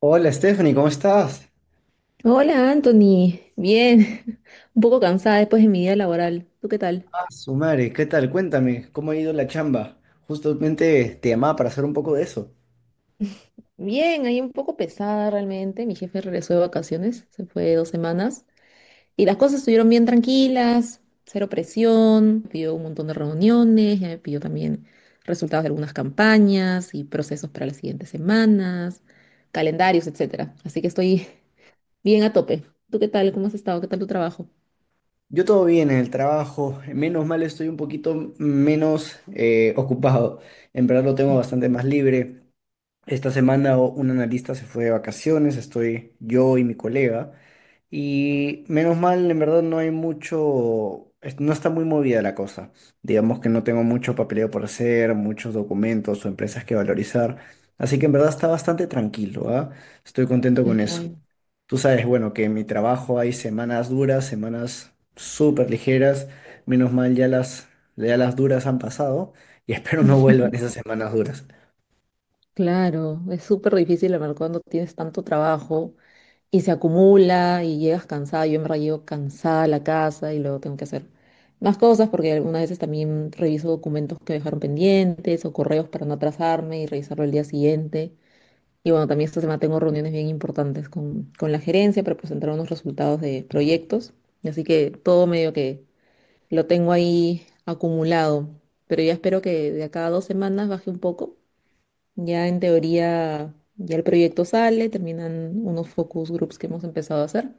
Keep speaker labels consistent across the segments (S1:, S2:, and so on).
S1: Hola Stephanie, ¿cómo estás?
S2: Hola Anthony, bien, un poco cansada después de mi día laboral. ¿Tú qué tal?
S1: Ah, su madre, ¿qué tal? Cuéntame, ¿cómo ha ido la chamba? Justamente te llamaba para hacer un poco de eso.
S2: Bien, ahí un poco pesada realmente. Mi jefe regresó de vacaciones, se fue dos semanas y las cosas estuvieron bien tranquilas, cero presión, pidió un montón de reuniones, ya me pidió también resultados de algunas campañas y procesos para las siguientes semanas, calendarios, etcétera. Así que estoy bien a tope. ¿Tú qué tal? ¿Cómo has estado? ¿Qué tal tu trabajo?
S1: Yo todo bien en el trabajo, menos mal estoy un poquito menos ocupado. En verdad lo tengo bastante más libre. Esta semana un analista se fue de vacaciones, estoy yo y mi colega. Y menos mal, en verdad no hay mucho, no está muy movida la cosa. Digamos que no tengo mucho papeleo por hacer, muchos documentos o empresas que valorizar. Así que en verdad está bastante tranquilo, ¿ah? Estoy contento
S2: Ay,
S1: con
S2: qué
S1: eso.
S2: bueno.
S1: Tú sabes, bueno, que en mi trabajo hay semanas duras, semanas súper ligeras. Menos mal ya las duras han pasado y espero no vuelvan esas semanas duras.
S2: Claro, es súper difícil, la verdad, cuando tienes tanto trabajo y se acumula y llegas cansada. Yo en verdad llego cansada a la casa y luego tengo que hacer más cosas porque algunas veces también reviso documentos que me dejaron pendientes o correos para no atrasarme y revisarlo el día siguiente. Y bueno, también esta semana tengo reuniones bien importantes con la gerencia para presentar unos resultados de proyectos. Así que todo medio que lo tengo ahí acumulado. Pero ya espero que de acá a dos semanas baje un poco. Ya en teoría, ya el proyecto sale, terminan unos focus groups que hemos empezado a hacer.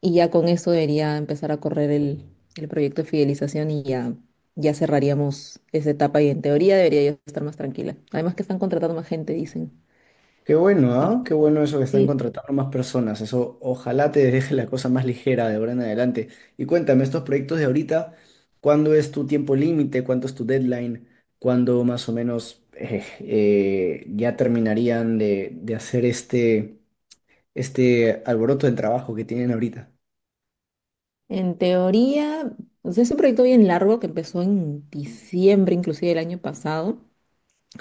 S2: Y ya con eso debería empezar a correr el proyecto de fidelización y ya cerraríamos esa etapa y en teoría debería ya estar más tranquila. Además que están contratando más gente, dicen.
S1: Qué bueno,
S2: Ah,
S1: ¿ah? Qué bueno eso que están
S2: sí,
S1: contratando más personas. Eso ojalá te deje la cosa más ligera de ahora en adelante. Y cuéntame, estos proyectos de ahorita, ¿cuándo es tu tiempo límite? ¿Cuánto es tu deadline? ¿Cuándo más o menos ya terminarían de hacer este alboroto del trabajo que tienen ahorita?
S2: en teoría, o sea, es un proyecto bien largo que empezó en diciembre, inclusive el año pasado,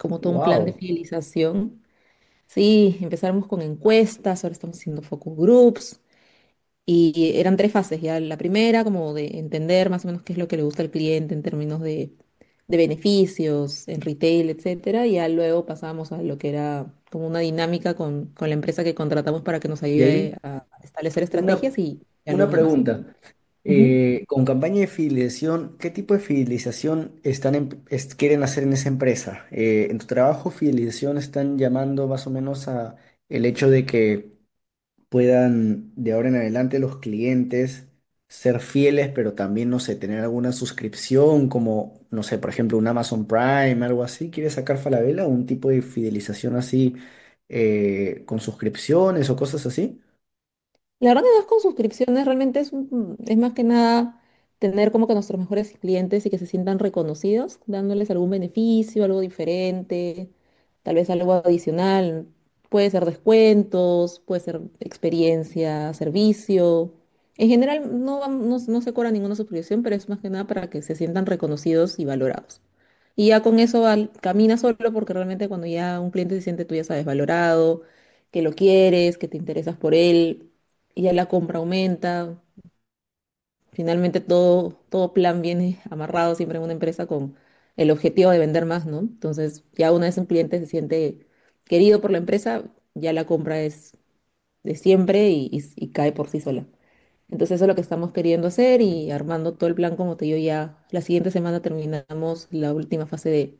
S2: como todo un plan de
S1: ¡Wow!
S2: fidelización. Sí, empezamos con encuestas, ahora estamos haciendo focus groups. Y eran tres fases, ya la primera como de entender más o menos qué es lo que le gusta al cliente en términos de beneficios, en retail, etcétera, y ya luego pasamos a lo que era como una dinámica con la empresa que contratamos para que nos
S1: ¿Y ahí
S2: ayude a establecer
S1: Una,
S2: estrategias y ya luego
S1: una
S2: una más.
S1: pregunta.
S2: Ujú.
S1: Con campaña de fidelización, ¿qué tipo de fidelización están quieren hacer en esa empresa? En tu trabajo, fidelización están llamando más o menos a el hecho de que puedan de ahora en adelante los clientes ser fieles, pero también, no sé, tener alguna suscripción como, no sé, por ejemplo, un Amazon Prime, algo así. ¿Quieres sacar Falabella? ¿Un tipo de fidelización así con suscripciones o cosas así?
S2: La verdad que no es con suscripciones, realmente es más que nada tener como que nuestros mejores clientes y que se sientan reconocidos, dándoles algún beneficio, algo diferente, tal vez algo adicional. Puede ser descuentos, puede ser experiencia, servicio. En general no, no se cobra ninguna suscripción, pero es más que nada para que se sientan reconocidos y valorados. Y ya con eso camina solo porque realmente cuando ya un cliente se siente, tú ya sabes, valorado, que lo quieres, que te interesas por él y ya la compra aumenta. Finalmente todo plan viene amarrado siempre en una empresa con el objetivo de vender más, ¿no? Entonces, ya una vez un cliente se siente querido por la empresa, ya la compra es de siempre y cae por sí sola. Entonces, eso es lo que estamos queriendo hacer y armando todo el plan, como te digo, ya la siguiente semana terminamos la última fase de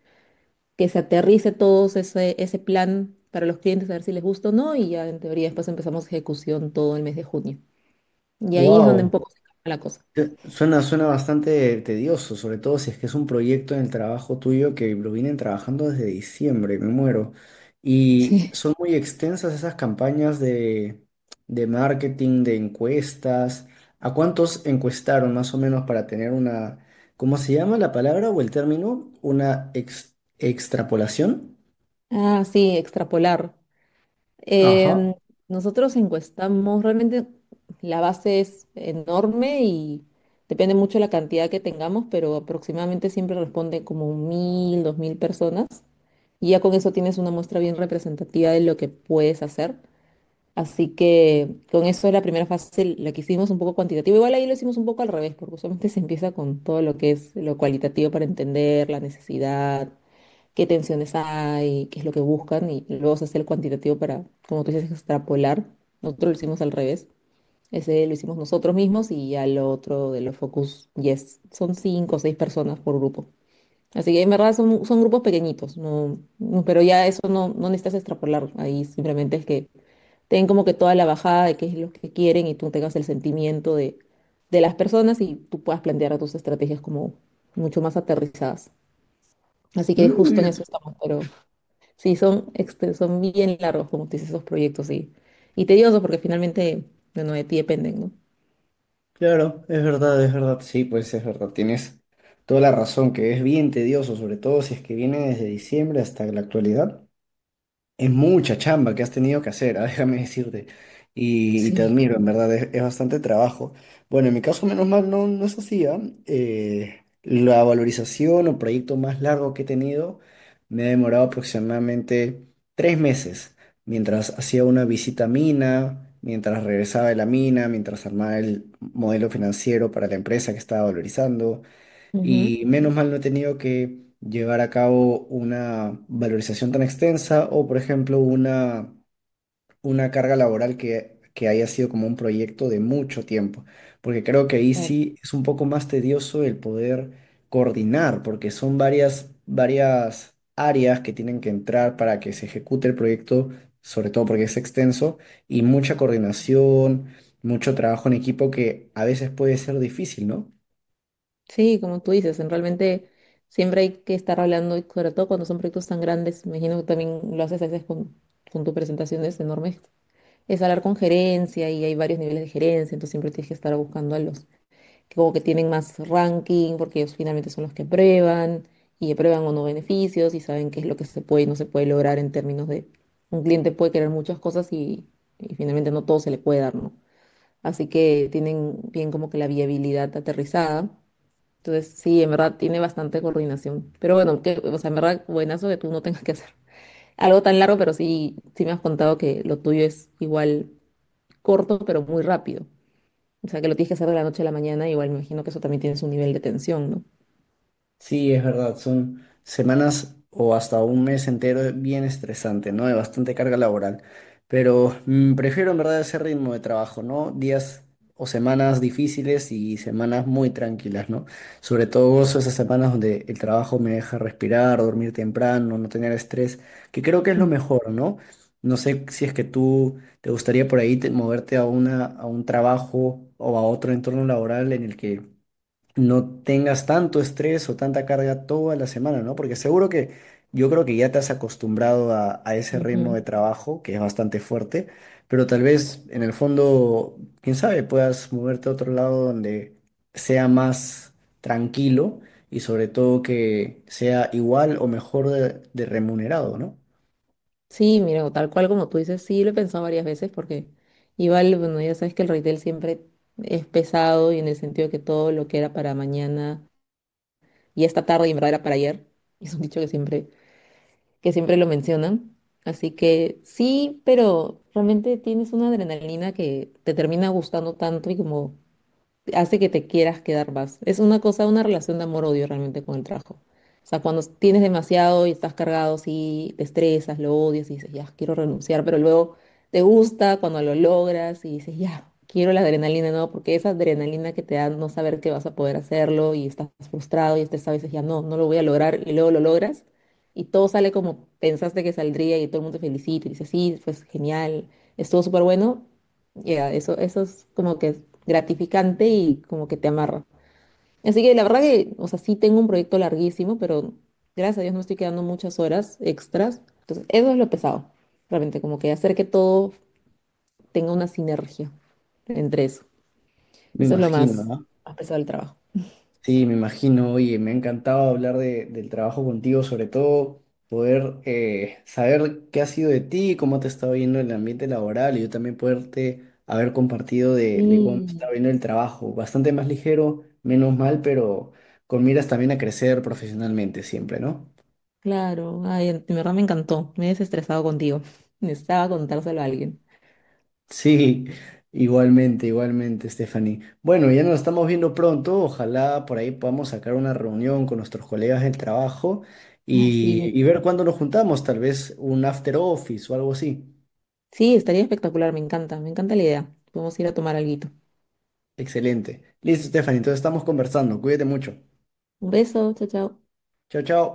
S2: que se aterrice todo ese plan para los clientes, a ver si les gusta o no, y ya en teoría después empezamos ejecución todo el mes de junio. Y ahí es donde un
S1: Wow.
S2: poco se cambia la cosa.
S1: Suena, suena bastante tedioso, sobre todo si es que es un proyecto en el trabajo tuyo que lo vienen trabajando desde diciembre, me muero. Y
S2: Sí.
S1: son muy extensas esas campañas de marketing, de encuestas. ¿A cuántos encuestaron más o menos para tener una, ¿cómo se llama la palabra o el término? Una extrapolación.
S2: Ah, sí, extrapolar.
S1: Ajá.
S2: Em, nosotros encuestamos, realmente la base es enorme y depende mucho de la cantidad que tengamos, pero aproximadamente siempre responde como mil, dos mil personas. Y ya con eso tienes una muestra bien representativa de lo que puedes hacer. Así que con eso la primera fase la que hicimos un poco cuantitativa. Igual ahí lo hicimos un poco al revés, porque usualmente se empieza con todo lo que es lo cualitativo para entender la necesidad, qué tensiones hay, qué es lo que buscan, y luego se hace el cuantitativo para, como tú dices, extrapolar. Nosotros lo hicimos al revés. Ese lo hicimos nosotros mismos y ya lo otro de los focus yes. Son cinco o seis personas por grupo. Así que en verdad son, grupos pequeñitos, no, no, pero ya eso no necesitas extrapolar. Ahí simplemente es que ten como que toda la bajada de qué es lo que quieren y tú tengas el sentimiento de las personas y tú puedas plantear tus estrategias como mucho más aterrizadas. Así que justo en
S1: Mm.
S2: eso estamos, pero sí, son, son bien largos, como tú dices, esos proyectos y tediosos porque finalmente, bueno, de ti dependen, ¿no?
S1: Claro, es verdad, es verdad. Sí, pues es verdad, tienes toda la razón, que es bien tedioso, sobre todo si es que viene desde diciembre hasta la actualidad. Es mucha chamba que has tenido que hacer, ah, déjame decirte. Y te
S2: Sí.
S1: admiro, en verdad, es bastante trabajo. Bueno, en mi caso, menos mal, no, no es así, ¿ah? La valorización o proyecto más largo que he tenido me ha demorado aproximadamente 3 meses, mientras hacía una visita a mina, mientras regresaba de la mina, mientras armaba el modelo financiero para la empresa que estaba valorizando, y menos mal no he tenido que llevar a cabo una valorización tan extensa o, por ejemplo, una carga laboral que haya sido como un proyecto de mucho tiempo, porque creo que ahí
S2: Ujú.
S1: sí es un poco más tedioso el poder coordinar, porque son varias áreas que tienen que entrar para que se ejecute el proyecto, sobre todo porque es extenso, y mucha coordinación, mucho trabajo en equipo que a veces puede ser difícil, ¿no?
S2: Sí, como tú dices, en realmente siempre hay que estar hablando, y sobre todo cuando son proyectos tan grandes, me imagino que también lo haces a veces con tus presentaciones enormes, es hablar con gerencia y hay varios niveles de gerencia, entonces siempre tienes que estar buscando a los que como que tienen más ranking, porque ellos finalmente son los que prueban y aprueban o no beneficios y saben qué es lo que se puede y no se puede lograr en términos de un cliente puede querer muchas cosas y finalmente no todo se le puede dar, ¿no? Así que tienen bien como que la viabilidad aterrizada, entonces, sí, en verdad tiene bastante coordinación. Pero bueno, que, o sea, en verdad, buenazo que tú no tengas que hacer algo tan largo, pero sí, sí me has contado que lo tuyo es igual corto, pero muy rápido. O sea, que lo tienes que hacer de la noche a la mañana, igual me imagino que eso también tiene su nivel de tensión, ¿no?
S1: Sí, es verdad, son semanas o hasta un mes entero bien estresante, ¿no? De bastante carga laboral. Pero prefiero en verdad ese ritmo de trabajo, ¿no? Días o semanas difíciles y semanas muy tranquilas, ¿no? Sobre todo gozo esas semanas donde el trabajo me deja respirar, dormir temprano, no tener estrés, que creo que es lo
S2: Mm,
S1: mejor, ¿no? No sé si es que tú te gustaría por ahí moverte a una, a un trabajo o a otro entorno laboral en el que no tengas tanto estrés o tanta carga toda la semana, ¿no? Porque seguro que yo creo que ya te has acostumbrado a ese ritmo
S2: ujú.
S1: de trabajo, que es bastante fuerte, pero tal vez en el fondo, quién sabe, puedas moverte a otro lado donde sea más tranquilo y sobre todo que sea igual o mejor de remunerado, ¿no?
S2: Sí, mira, o tal cual como tú dices, sí lo he pensado varias veces porque igual, bueno, ya sabes que el retail siempre es pesado y en el sentido que todo lo que era para mañana y esta tarde y en verdad era para ayer, es un dicho que siempre lo mencionan. Así que sí, pero realmente tienes una adrenalina que te termina gustando tanto y como hace que te quieras quedar más. Es una cosa, una relación de amor-odio realmente con el trabajo. O sea, cuando tienes demasiado y estás cargado, sí, te estresas, lo odias y dices, ya, quiero renunciar, pero luego te gusta cuando lo logras y dices, ya, quiero la adrenalina, no, porque esa adrenalina que te da no saber que vas a poder hacerlo y estás frustrado y estresado y dices, ya, no, no lo voy a lograr y luego lo logras y todo sale como pensaste que saldría y todo el mundo te felicita y dices, sí, pues genial, estuvo súper bueno, ya, eso es como que gratificante y como que te amarra. Así que la verdad que, o sea, sí tengo un proyecto larguísimo, pero gracias a Dios no estoy quedando muchas horas extras. Entonces, eso es lo pesado, realmente, como que hacer que todo tenga una sinergia entre eso.
S1: Me
S2: Eso es lo
S1: imagino,
S2: más,
S1: ¿no?
S2: más pesado del trabajo.
S1: Sí, me imagino. Oye, me ha encantado hablar del trabajo contigo, sobre todo poder saber qué ha sido de ti, cómo te ha estado viendo el ambiente laboral y yo también poderte haber compartido de cómo me está
S2: Sí,
S1: viendo el trabajo. Bastante más ligero, menos mal, pero con miras también a crecer profesionalmente siempre, ¿no?
S2: claro, ay, en verdad me encantó, me he desestresado contigo. Necesitaba contárselo a alguien.
S1: Sí, igualmente, igualmente, Stephanie. Bueno, ya nos estamos viendo pronto. Ojalá por ahí podamos sacar una reunión con nuestros colegas del trabajo
S2: Ay, sí,
S1: y ver cuándo nos juntamos, tal vez un after office o algo así.
S2: sí, estaría espectacular, me encanta la idea. Podemos ir a tomar alguito.
S1: Excelente. Listo, Stephanie, entonces estamos conversando. Cuídate mucho.
S2: Un beso, chao, chao.
S1: Chao, chao.